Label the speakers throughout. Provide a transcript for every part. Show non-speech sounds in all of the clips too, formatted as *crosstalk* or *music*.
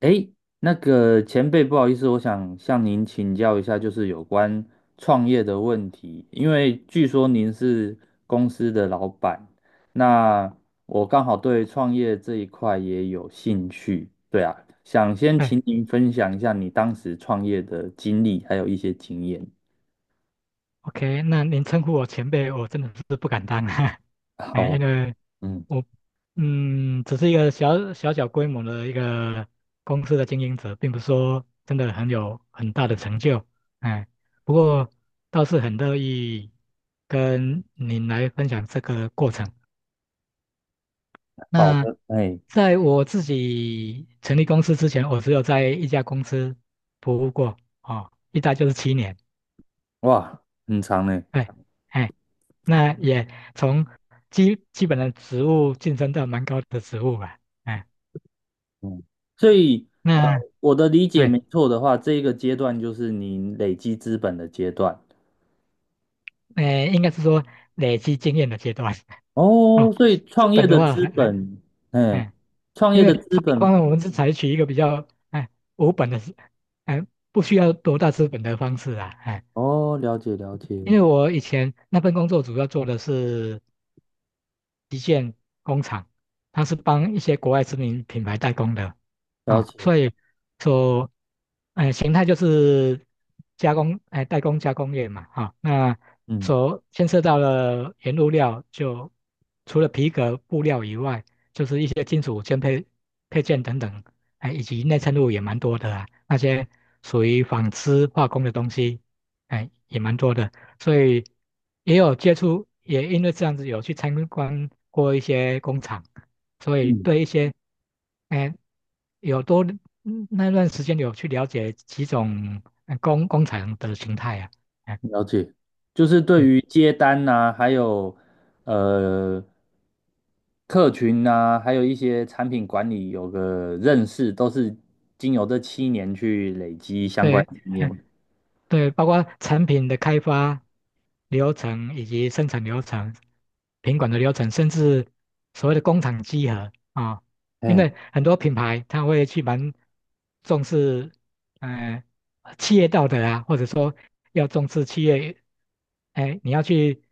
Speaker 1: 诶，那个前辈，不好意思，我想向您请教一下，就是有关创业的问题。因为据说您是公司的老板，那我刚好对创业这一块也有兴趣。对啊，想先
Speaker 2: 哎
Speaker 1: 请您分享一下你当时创业的经历，还有一些经验。
Speaker 2: ，OK，那您称呼我前辈，我真的是不敢当啊，*laughs* 哎，
Speaker 1: 好，
Speaker 2: 因为
Speaker 1: 嗯，
Speaker 2: 我，嗯，只是一个小规模的一个公司的经营者，并不是说真的很有很大的成就，哎，不过倒是很乐意跟您来分享这个过程。
Speaker 1: 好
Speaker 2: 那
Speaker 1: 的，哎，
Speaker 2: 在我自己成立公司之前，我只有在一家公司服务过，哦，一待就是7年，
Speaker 1: 哇，很长呢。
Speaker 2: 对，哎。那也从基本的职务晋升到蛮高的职务吧，哎，
Speaker 1: 嗯，所以，呃，
Speaker 2: 那
Speaker 1: 我的理解
Speaker 2: 对，
Speaker 1: 没错的话，这一个阶段就是您累积资本的阶段。
Speaker 2: 应该是说累积经验的阶段。 *laughs* 哦。
Speaker 1: 哦，所以
Speaker 2: 资本的话还，
Speaker 1: 哎，
Speaker 2: 哎，
Speaker 1: 创
Speaker 2: 因
Speaker 1: 业
Speaker 2: 为
Speaker 1: 的资
Speaker 2: 创业方
Speaker 1: 本。
Speaker 2: 面我们是采取一个比较哎无本的，哎不需要多大资本的方式啊，哎，
Speaker 1: 哦，了解了
Speaker 2: 因
Speaker 1: 解
Speaker 2: 为我以前那份工作主要做的是旗舰工厂，它是帮一些国外知名品牌代工的
Speaker 1: 了
Speaker 2: 啊，
Speaker 1: 解，
Speaker 2: 所以说，形态就是加工，哎、代工加工业嘛，哈、那
Speaker 1: 嗯
Speaker 2: 所牵涉到了原物料就除了皮革、布料以外，就是一些金属件配件等等，哎、以及内衬物也蛮多的啊，那些属于纺织化工的东西，哎、也蛮多的，所以。也有接触，也因为这样子有去参观过一些工厂，所以
Speaker 1: 嗯，
Speaker 2: 对一些，哎，有多嗯那段时间有去了解几种工厂的形态啊，哎
Speaker 1: 了解，就是对
Speaker 2: 嗯，
Speaker 1: 于接单呐、还有呃客群呐、还有一些产品管理有个认识，都是经由这7年去累积相关
Speaker 2: 对，
Speaker 1: 经验。
Speaker 2: 对，包括产品的开发流程以及生产流程、品管的流程，甚至所谓的工厂稽核啊、因
Speaker 1: 哎，
Speaker 2: 为很多品牌他会去蛮重视，嗯、企业道德啊，或者说要重视企业，哎，你要去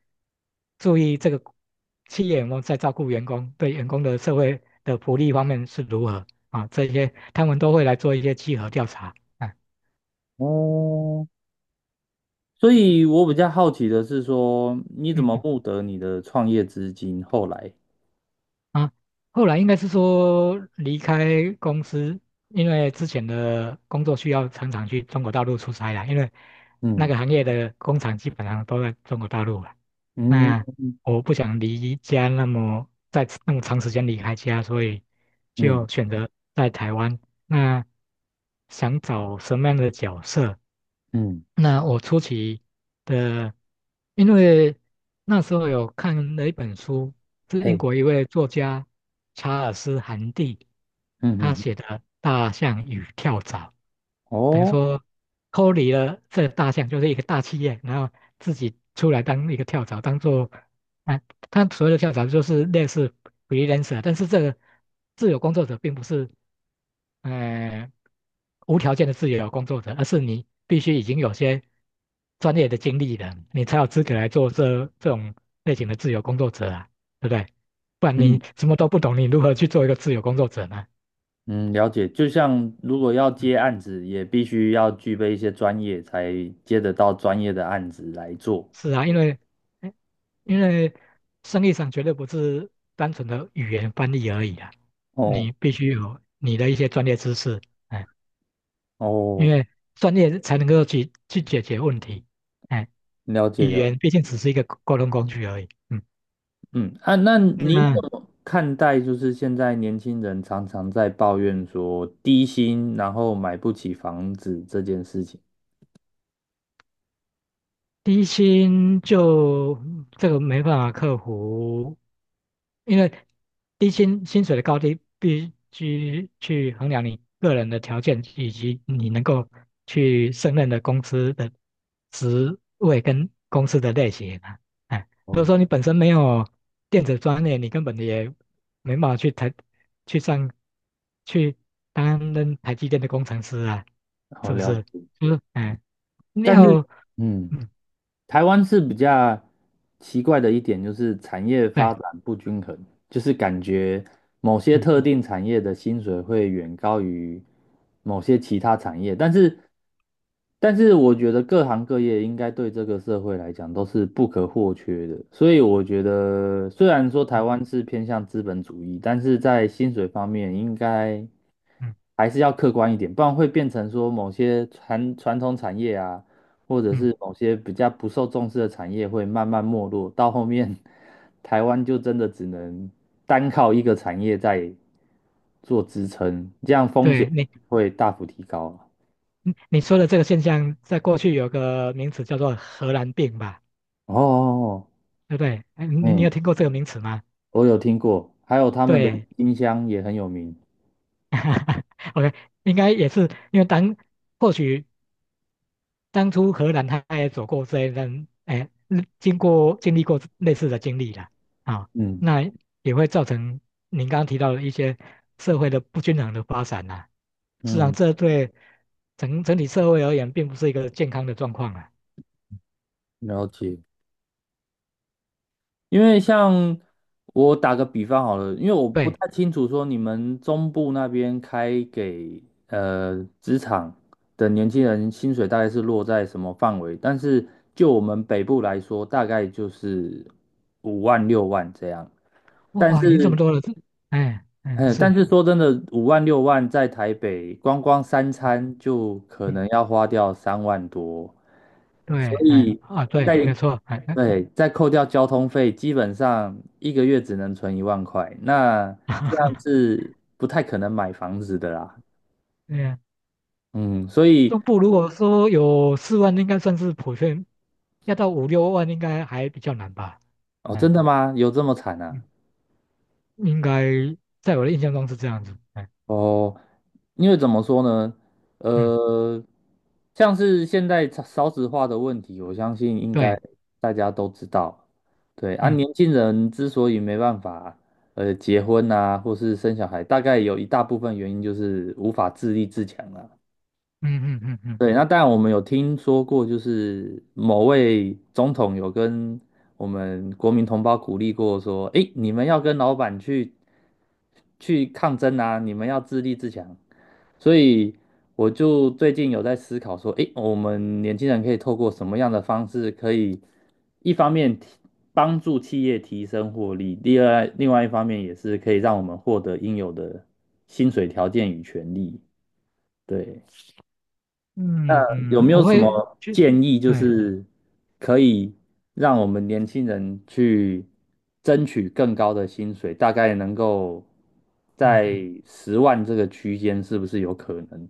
Speaker 2: 注意这个企业我们在照顾员工，对员工的社会的福利方面是如何啊、这些他们都会来做一些稽核调查。哎
Speaker 1: 哦，所以我比较好奇的是说，你怎
Speaker 2: 嗯
Speaker 1: 么募得你的创业资金？后来，
Speaker 2: 啊，后来应该是说离开公司，因为之前的工作需要常常去中国大陆出差啦，因为那
Speaker 1: 嗯
Speaker 2: 个行业的工厂基本上都在中国大陆了。
Speaker 1: 嗯。
Speaker 2: 那我不想离家那么在那么长时间离开家，所以
Speaker 1: 嗯
Speaker 2: 就选择在台湾。那想找什么样的角色？
Speaker 1: 嗯，
Speaker 2: 那我初期的，因为那时候有看了一本书，是英
Speaker 1: 嘿，
Speaker 2: 国一位作家查尔斯·韩蒂
Speaker 1: 嗯
Speaker 2: 他
Speaker 1: 嗯嗯
Speaker 2: 写的《大象与跳蚤》，等于
Speaker 1: 哦，
Speaker 2: 说脱离了这大象就是一个大企业，然后自己出来当一个跳蚤，当做啊，他所谓的跳蚤就是类似 freelancer，但是这个自由工作者并不是。呃无条件的自由工作者，而是你必须已经有些专业的经历了，你才有资格来做这种类型的自由工作者啊，对不对？不然你
Speaker 1: 嗯
Speaker 2: 什么都不懂，你如何去做一个自由工作者呢？
Speaker 1: 嗯，了解。就像如果要
Speaker 2: 嗯，
Speaker 1: 接案子，也必须要具备一些专业，才接得到专业的案子来做。
Speaker 2: 是啊，因为哎因为生意上绝对不是单纯的语言翻译而已啊，
Speaker 1: 哦
Speaker 2: 你必须有你的一些专业知识，哎，因
Speaker 1: 哦，
Speaker 2: 为专业才能够去解决问题，哎。
Speaker 1: 了解
Speaker 2: 语
Speaker 1: 了解，
Speaker 2: 言毕竟只是一个沟通工具而已。嗯，
Speaker 1: 嗯啊，那你
Speaker 2: 那
Speaker 1: 怎
Speaker 2: 嗯
Speaker 1: 么看待就是现在年轻人常常在抱怨说低薪，然后买不起房子这件事情？
Speaker 2: 低薪就这个没办法克服，因为低薪薪水的高低必须去衡量你个人的条件以及你能够去胜任的公司的职位跟公司的类型啊。哎，如果
Speaker 1: 哦，
Speaker 2: 说你本身没有电子专业，你根本也没办法去上去担任台积电的工程师啊，
Speaker 1: 好，
Speaker 2: 是不
Speaker 1: 了
Speaker 2: 是？
Speaker 1: 解。
Speaker 2: 就是哎，你
Speaker 1: 但
Speaker 2: 要
Speaker 1: 是，嗯。
Speaker 2: 嗯
Speaker 1: 台湾是比较奇怪的一点，就是产业发
Speaker 2: 对
Speaker 1: 展不均衡，就是感觉某些
Speaker 2: 嗯
Speaker 1: 特定产业的薪水会远高于某些其他产业，但是我觉得各行各业应该对这个社会来讲都是不可或缺的，所以我觉得虽然说台
Speaker 2: 嗯
Speaker 1: 湾是偏向资本主义，但是在薪水方面应该，
Speaker 2: 嗯嗯，
Speaker 1: 还是要客观一点，不然会变成说某些传统产业啊，或者
Speaker 2: 嗯
Speaker 1: 是某些比较不受重视的产业会慢慢没落，到后面 *laughs* 台湾就真的只能单靠一个产业在做支撑，这样风险
Speaker 2: 对，你
Speaker 1: 会大幅提高啊。
Speaker 2: 嗯，你说的这个现象，在过去有个名词叫做"荷兰病"吧，
Speaker 1: 哦，
Speaker 2: 对不对？哎，你
Speaker 1: 嗯，
Speaker 2: 有听过这个名词吗？
Speaker 1: 我有听过，还有他们的
Speaker 2: 对
Speaker 1: 音箱也很有名。
Speaker 2: *laughs*，OK，应该也是因为或许当初荷兰他也走过这一段，哎，嗯经历过类似的经历了，啊、
Speaker 1: 嗯
Speaker 2: 那也会造成您刚刚提到的一些社会的不均衡的发展呐、实际上，
Speaker 1: 嗯，
Speaker 2: 这对整体社会而言，并不是一个健康的状况啊。
Speaker 1: 了解。因为像我打个比方好了，因为我不
Speaker 2: 对。
Speaker 1: 太清楚说你们中部那边开给职场的年轻人薪水大概是落在什么范围，但是就我们北部来说，大概就是五万六万这样。但
Speaker 2: 哇，赢这么
Speaker 1: 是，
Speaker 2: 多了，这，哎，哎，
Speaker 1: 哎，但
Speaker 2: 是，
Speaker 1: 是说真的，五万六万在台北光光三
Speaker 2: 嗯，
Speaker 1: 餐就可能
Speaker 2: 嗯
Speaker 1: 要花掉3万多，
Speaker 2: 对，
Speaker 1: 所
Speaker 2: 哎，
Speaker 1: 以
Speaker 2: 啊，对，
Speaker 1: 在
Speaker 2: 没错，哎，哎
Speaker 1: 对，再扣掉交通费，基本上一个月只能存1万块，那这样
Speaker 2: *laughs*
Speaker 1: 是不太可能买房子的啦。
Speaker 2: 对呀
Speaker 1: 嗯，所以
Speaker 2: 中部如果说有4万，应该算是普遍，要到5、6万应该还比较难吧，
Speaker 1: 哦，真
Speaker 2: 哎，
Speaker 1: 的吗？有这么惨啊？
Speaker 2: 嗯，应该在我的印象中是这样子，哎，
Speaker 1: 哦，因为怎么说呢？
Speaker 2: 嗯，
Speaker 1: 呃，像是现在少子化的问题，我相信应该
Speaker 2: 对，
Speaker 1: 大家都知道。对啊，
Speaker 2: 嗯，
Speaker 1: 年轻人之所以没办法结婚啊，或是生小孩，大概有一大部分原因就是无法自立自强了。
Speaker 2: 嗯嗯嗯嗯
Speaker 1: 对，那当然我们有听说过，就是某位总统有跟我们国民同胞鼓励过，说：“诶，你们要跟老板去抗争啊，你们要自立自强。”所以我就最近有在思考说，诶，我们年轻人可以透过什么样的方式，可以一方面帮助企业提升获利，第二另外一方面也是可以让我们获得应有的薪水条件与权利。对。
Speaker 2: 嗯，
Speaker 1: 有
Speaker 2: 嗯，
Speaker 1: 没
Speaker 2: 我
Speaker 1: 有什
Speaker 2: 会
Speaker 1: 么
Speaker 2: 去，
Speaker 1: 建议，就
Speaker 2: 对，
Speaker 1: 是可以让我们年轻人去争取更高的薪水，大概能够
Speaker 2: 嗯。
Speaker 1: 在10万这个区间，是不是有可能？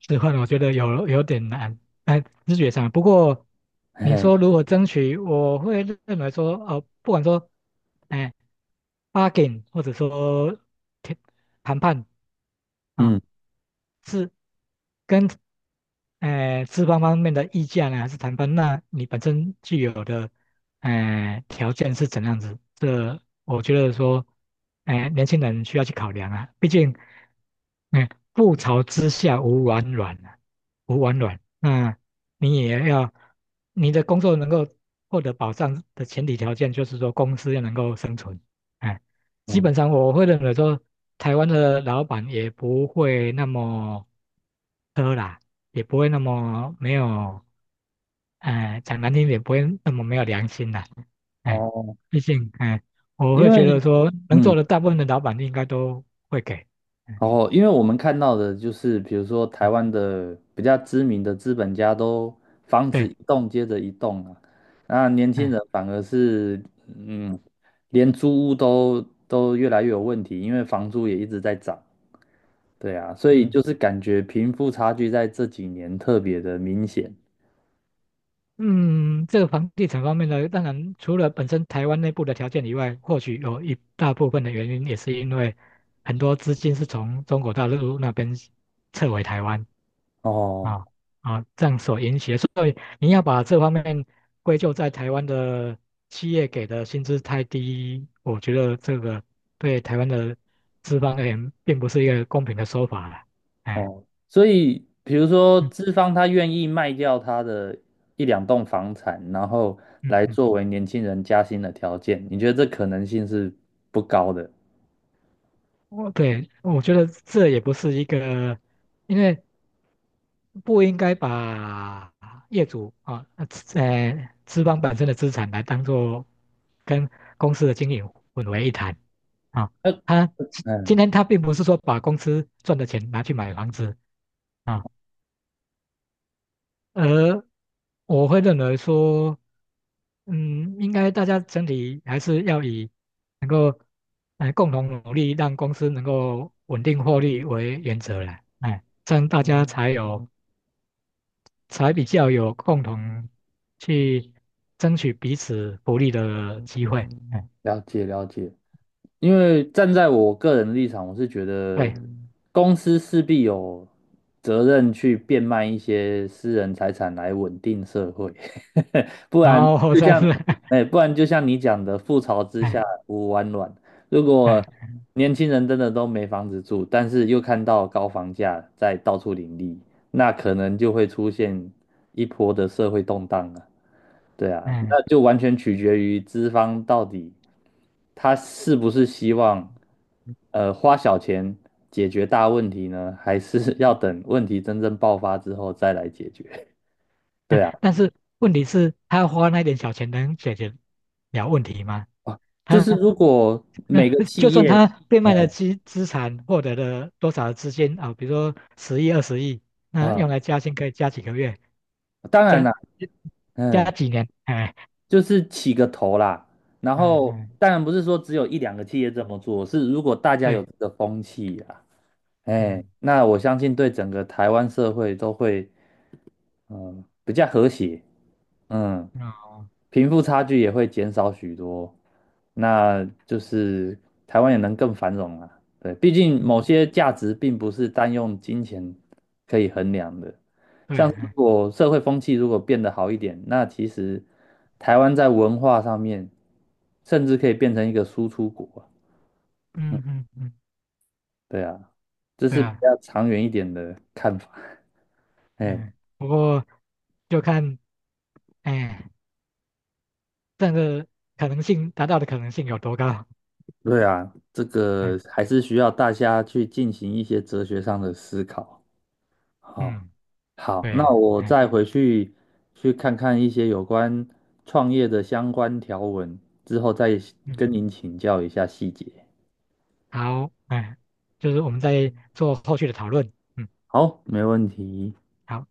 Speaker 2: 置换我觉得有点难，哎，直觉上。不过你
Speaker 1: 嘿，
Speaker 2: 说如何争取，我会认为说，不管说，哎，bargain 或者说谈谈判啊，
Speaker 1: 嗯，
Speaker 2: 是跟哎，资方方面的意见呢，还是谈判？那你本身具有的，哎，条件是怎样子？这我觉得说，哎，年轻人需要去考量啊。毕竟，嗯，覆巢之下无完卵啊，无完卵。那你也要，你的工作能够获得保障的前提条件，就是说公司要能够生存。哎，基
Speaker 1: 哦，
Speaker 2: 本上我会认为说，台湾的老板也不会那么。苛啦。也不会那么没有，哎、讲难听点，不会那么没有良心的、哎，
Speaker 1: 哦
Speaker 2: 毕竟，哎，我会
Speaker 1: 因
Speaker 2: 觉
Speaker 1: 为
Speaker 2: 得说，能
Speaker 1: 嗯，
Speaker 2: 做的大部分的老板应该都会给，嗯
Speaker 1: 哦，因为我们看到的就是，比如说台
Speaker 2: 嗯，
Speaker 1: 湾的比较知名的资本家都房子
Speaker 2: 对，
Speaker 1: 一栋接着一栋啊，那年轻人
Speaker 2: 嗯
Speaker 1: 反而是，嗯，连租屋都越来越有问题，因为房租也一直在涨，对啊，所以
Speaker 2: 嗯
Speaker 1: 就是感觉贫富差距在这几年特别的明显。
Speaker 2: 嗯，这个房地产方面呢，当然除了本身台湾内部的条件以外，或许有一大部分的原因也是因为很多资金是从中国大陆那边撤回台湾，
Speaker 1: 哦，
Speaker 2: 啊啊，这样所引起的，所以你要把这方面归咎在台湾的企业给的薪资太低，我觉得这个对台湾的资方而言，并不是一个公平的说法了。哎，
Speaker 1: 哦，所以比如说
Speaker 2: 嗯
Speaker 1: 资方他愿意卖掉他的一两栋房产，然后
Speaker 2: 嗯
Speaker 1: 来
Speaker 2: 嗯，
Speaker 1: 作为年轻人加薪的条件，你觉得这可能性是不高的？
Speaker 2: 我对，我觉得这也不是一个，因为不应该把业主啊，资方本身的资产来当做跟公司的经营混为一谈啊。
Speaker 1: 呃
Speaker 2: 他今今
Speaker 1: 嗯，
Speaker 2: 天他并不是说把公司赚的钱拿去买房子啊，而我会认为说，嗯，应该大家整体还是要以能够共同努力让公司能够稳定获利为原则来，哎，这样大家才有。才比较有共同去争取彼此福利的机会。哎，
Speaker 1: 了解了解。因为站在我个人的立场，我是觉得
Speaker 2: 对，
Speaker 1: 公司势必有责任去变卖一些私人财产来稳定社会，*laughs* 不
Speaker 2: 然
Speaker 1: 然
Speaker 2: 后
Speaker 1: 就
Speaker 2: 真
Speaker 1: 像，
Speaker 2: 是，*laughs*
Speaker 1: 哎，不然就像你讲的，覆巢之
Speaker 2: 哎，
Speaker 1: 下无完卵。如
Speaker 2: 对，
Speaker 1: 果年轻人真的都没房子住，但是又看到高房价在到处林立，那可能就会出现一波的社会动荡了。对啊，
Speaker 2: 嗯，
Speaker 1: 那就完全取决于资方到底。他是不是希望花小钱解决大问题呢？*laughs* 还是要等问题真正爆发之后再来解决？*laughs* 对
Speaker 2: 嗯
Speaker 1: 啊，
Speaker 2: 但是问题是，他花那点小钱能解决了问题吗？
Speaker 1: 就
Speaker 2: 他
Speaker 1: 是如果
Speaker 2: 那
Speaker 1: 每
Speaker 2: 哦
Speaker 1: 个
Speaker 2: *laughs*
Speaker 1: 企
Speaker 2: 就算
Speaker 1: 业
Speaker 2: 他变卖了
Speaker 1: 嗯
Speaker 2: 资产，获得了多少的资金啊？比如说十亿、20亿，那
Speaker 1: 啊，
Speaker 2: 用来加薪可以加几个月，
Speaker 1: 当然
Speaker 2: 加
Speaker 1: 啦，
Speaker 2: 加
Speaker 1: 嗯，
Speaker 2: 几年？哎，
Speaker 1: 就是起个头啦。然
Speaker 2: 嗯
Speaker 1: 后，
Speaker 2: 嗯，
Speaker 1: 当然不是说只有一两个企业这么做，是如果大家有
Speaker 2: 对，
Speaker 1: 这个风气啊，哎，
Speaker 2: 嗯，
Speaker 1: 那我相信对整个台湾社会都会，嗯，比较和谐，嗯，
Speaker 2: 哦，
Speaker 1: 贫富差距也会减少许多，那就是台湾也能更繁荣啊。对，毕竟某
Speaker 2: 嗯，
Speaker 1: 些价值并不是单用金钱可以衡量的。
Speaker 2: 对，
Speaker 1: 像是如
Speaker 2: 哎
Speaker 1: 果社会风气如果变得好一点，那其实台湾在文化上面甚至可以变成一个输出国啊。
Speaker 2: 嗯嗯嗯。
Speaker 1: 对啊，这
Speaker 2: 对
Speaker 1: 是比
Speaker 2: 啊，
Speaker 1: 较长远一点的看法。哎，
Speaker 2: 嗯，不过就看，哎，这样的可能性达到的可能性有多高？
Speaker 1: 对啊，这
Speaker 2: 嗯
Speaker 1: 个还是需要大家去进行一些哲学上的思考。好，
Speaker 2: 嗯，
Speaker 1: 好，
Speaker 2: 对
Speaker 1: 那
Speaker 2: 呀，
Speaker 1: 我
Speaker 2: 哎
Speaker 1: 再回去看看一些有关创业的相关条文，之后再跟
Speaker 2: 嗯，
Speaker 1: 您请教一下细节。
Speaker 2: 好，哎，就是我们再做后续的讨论。嗯，
Speaker 1: 好，没问题。
Speaker 2: 好。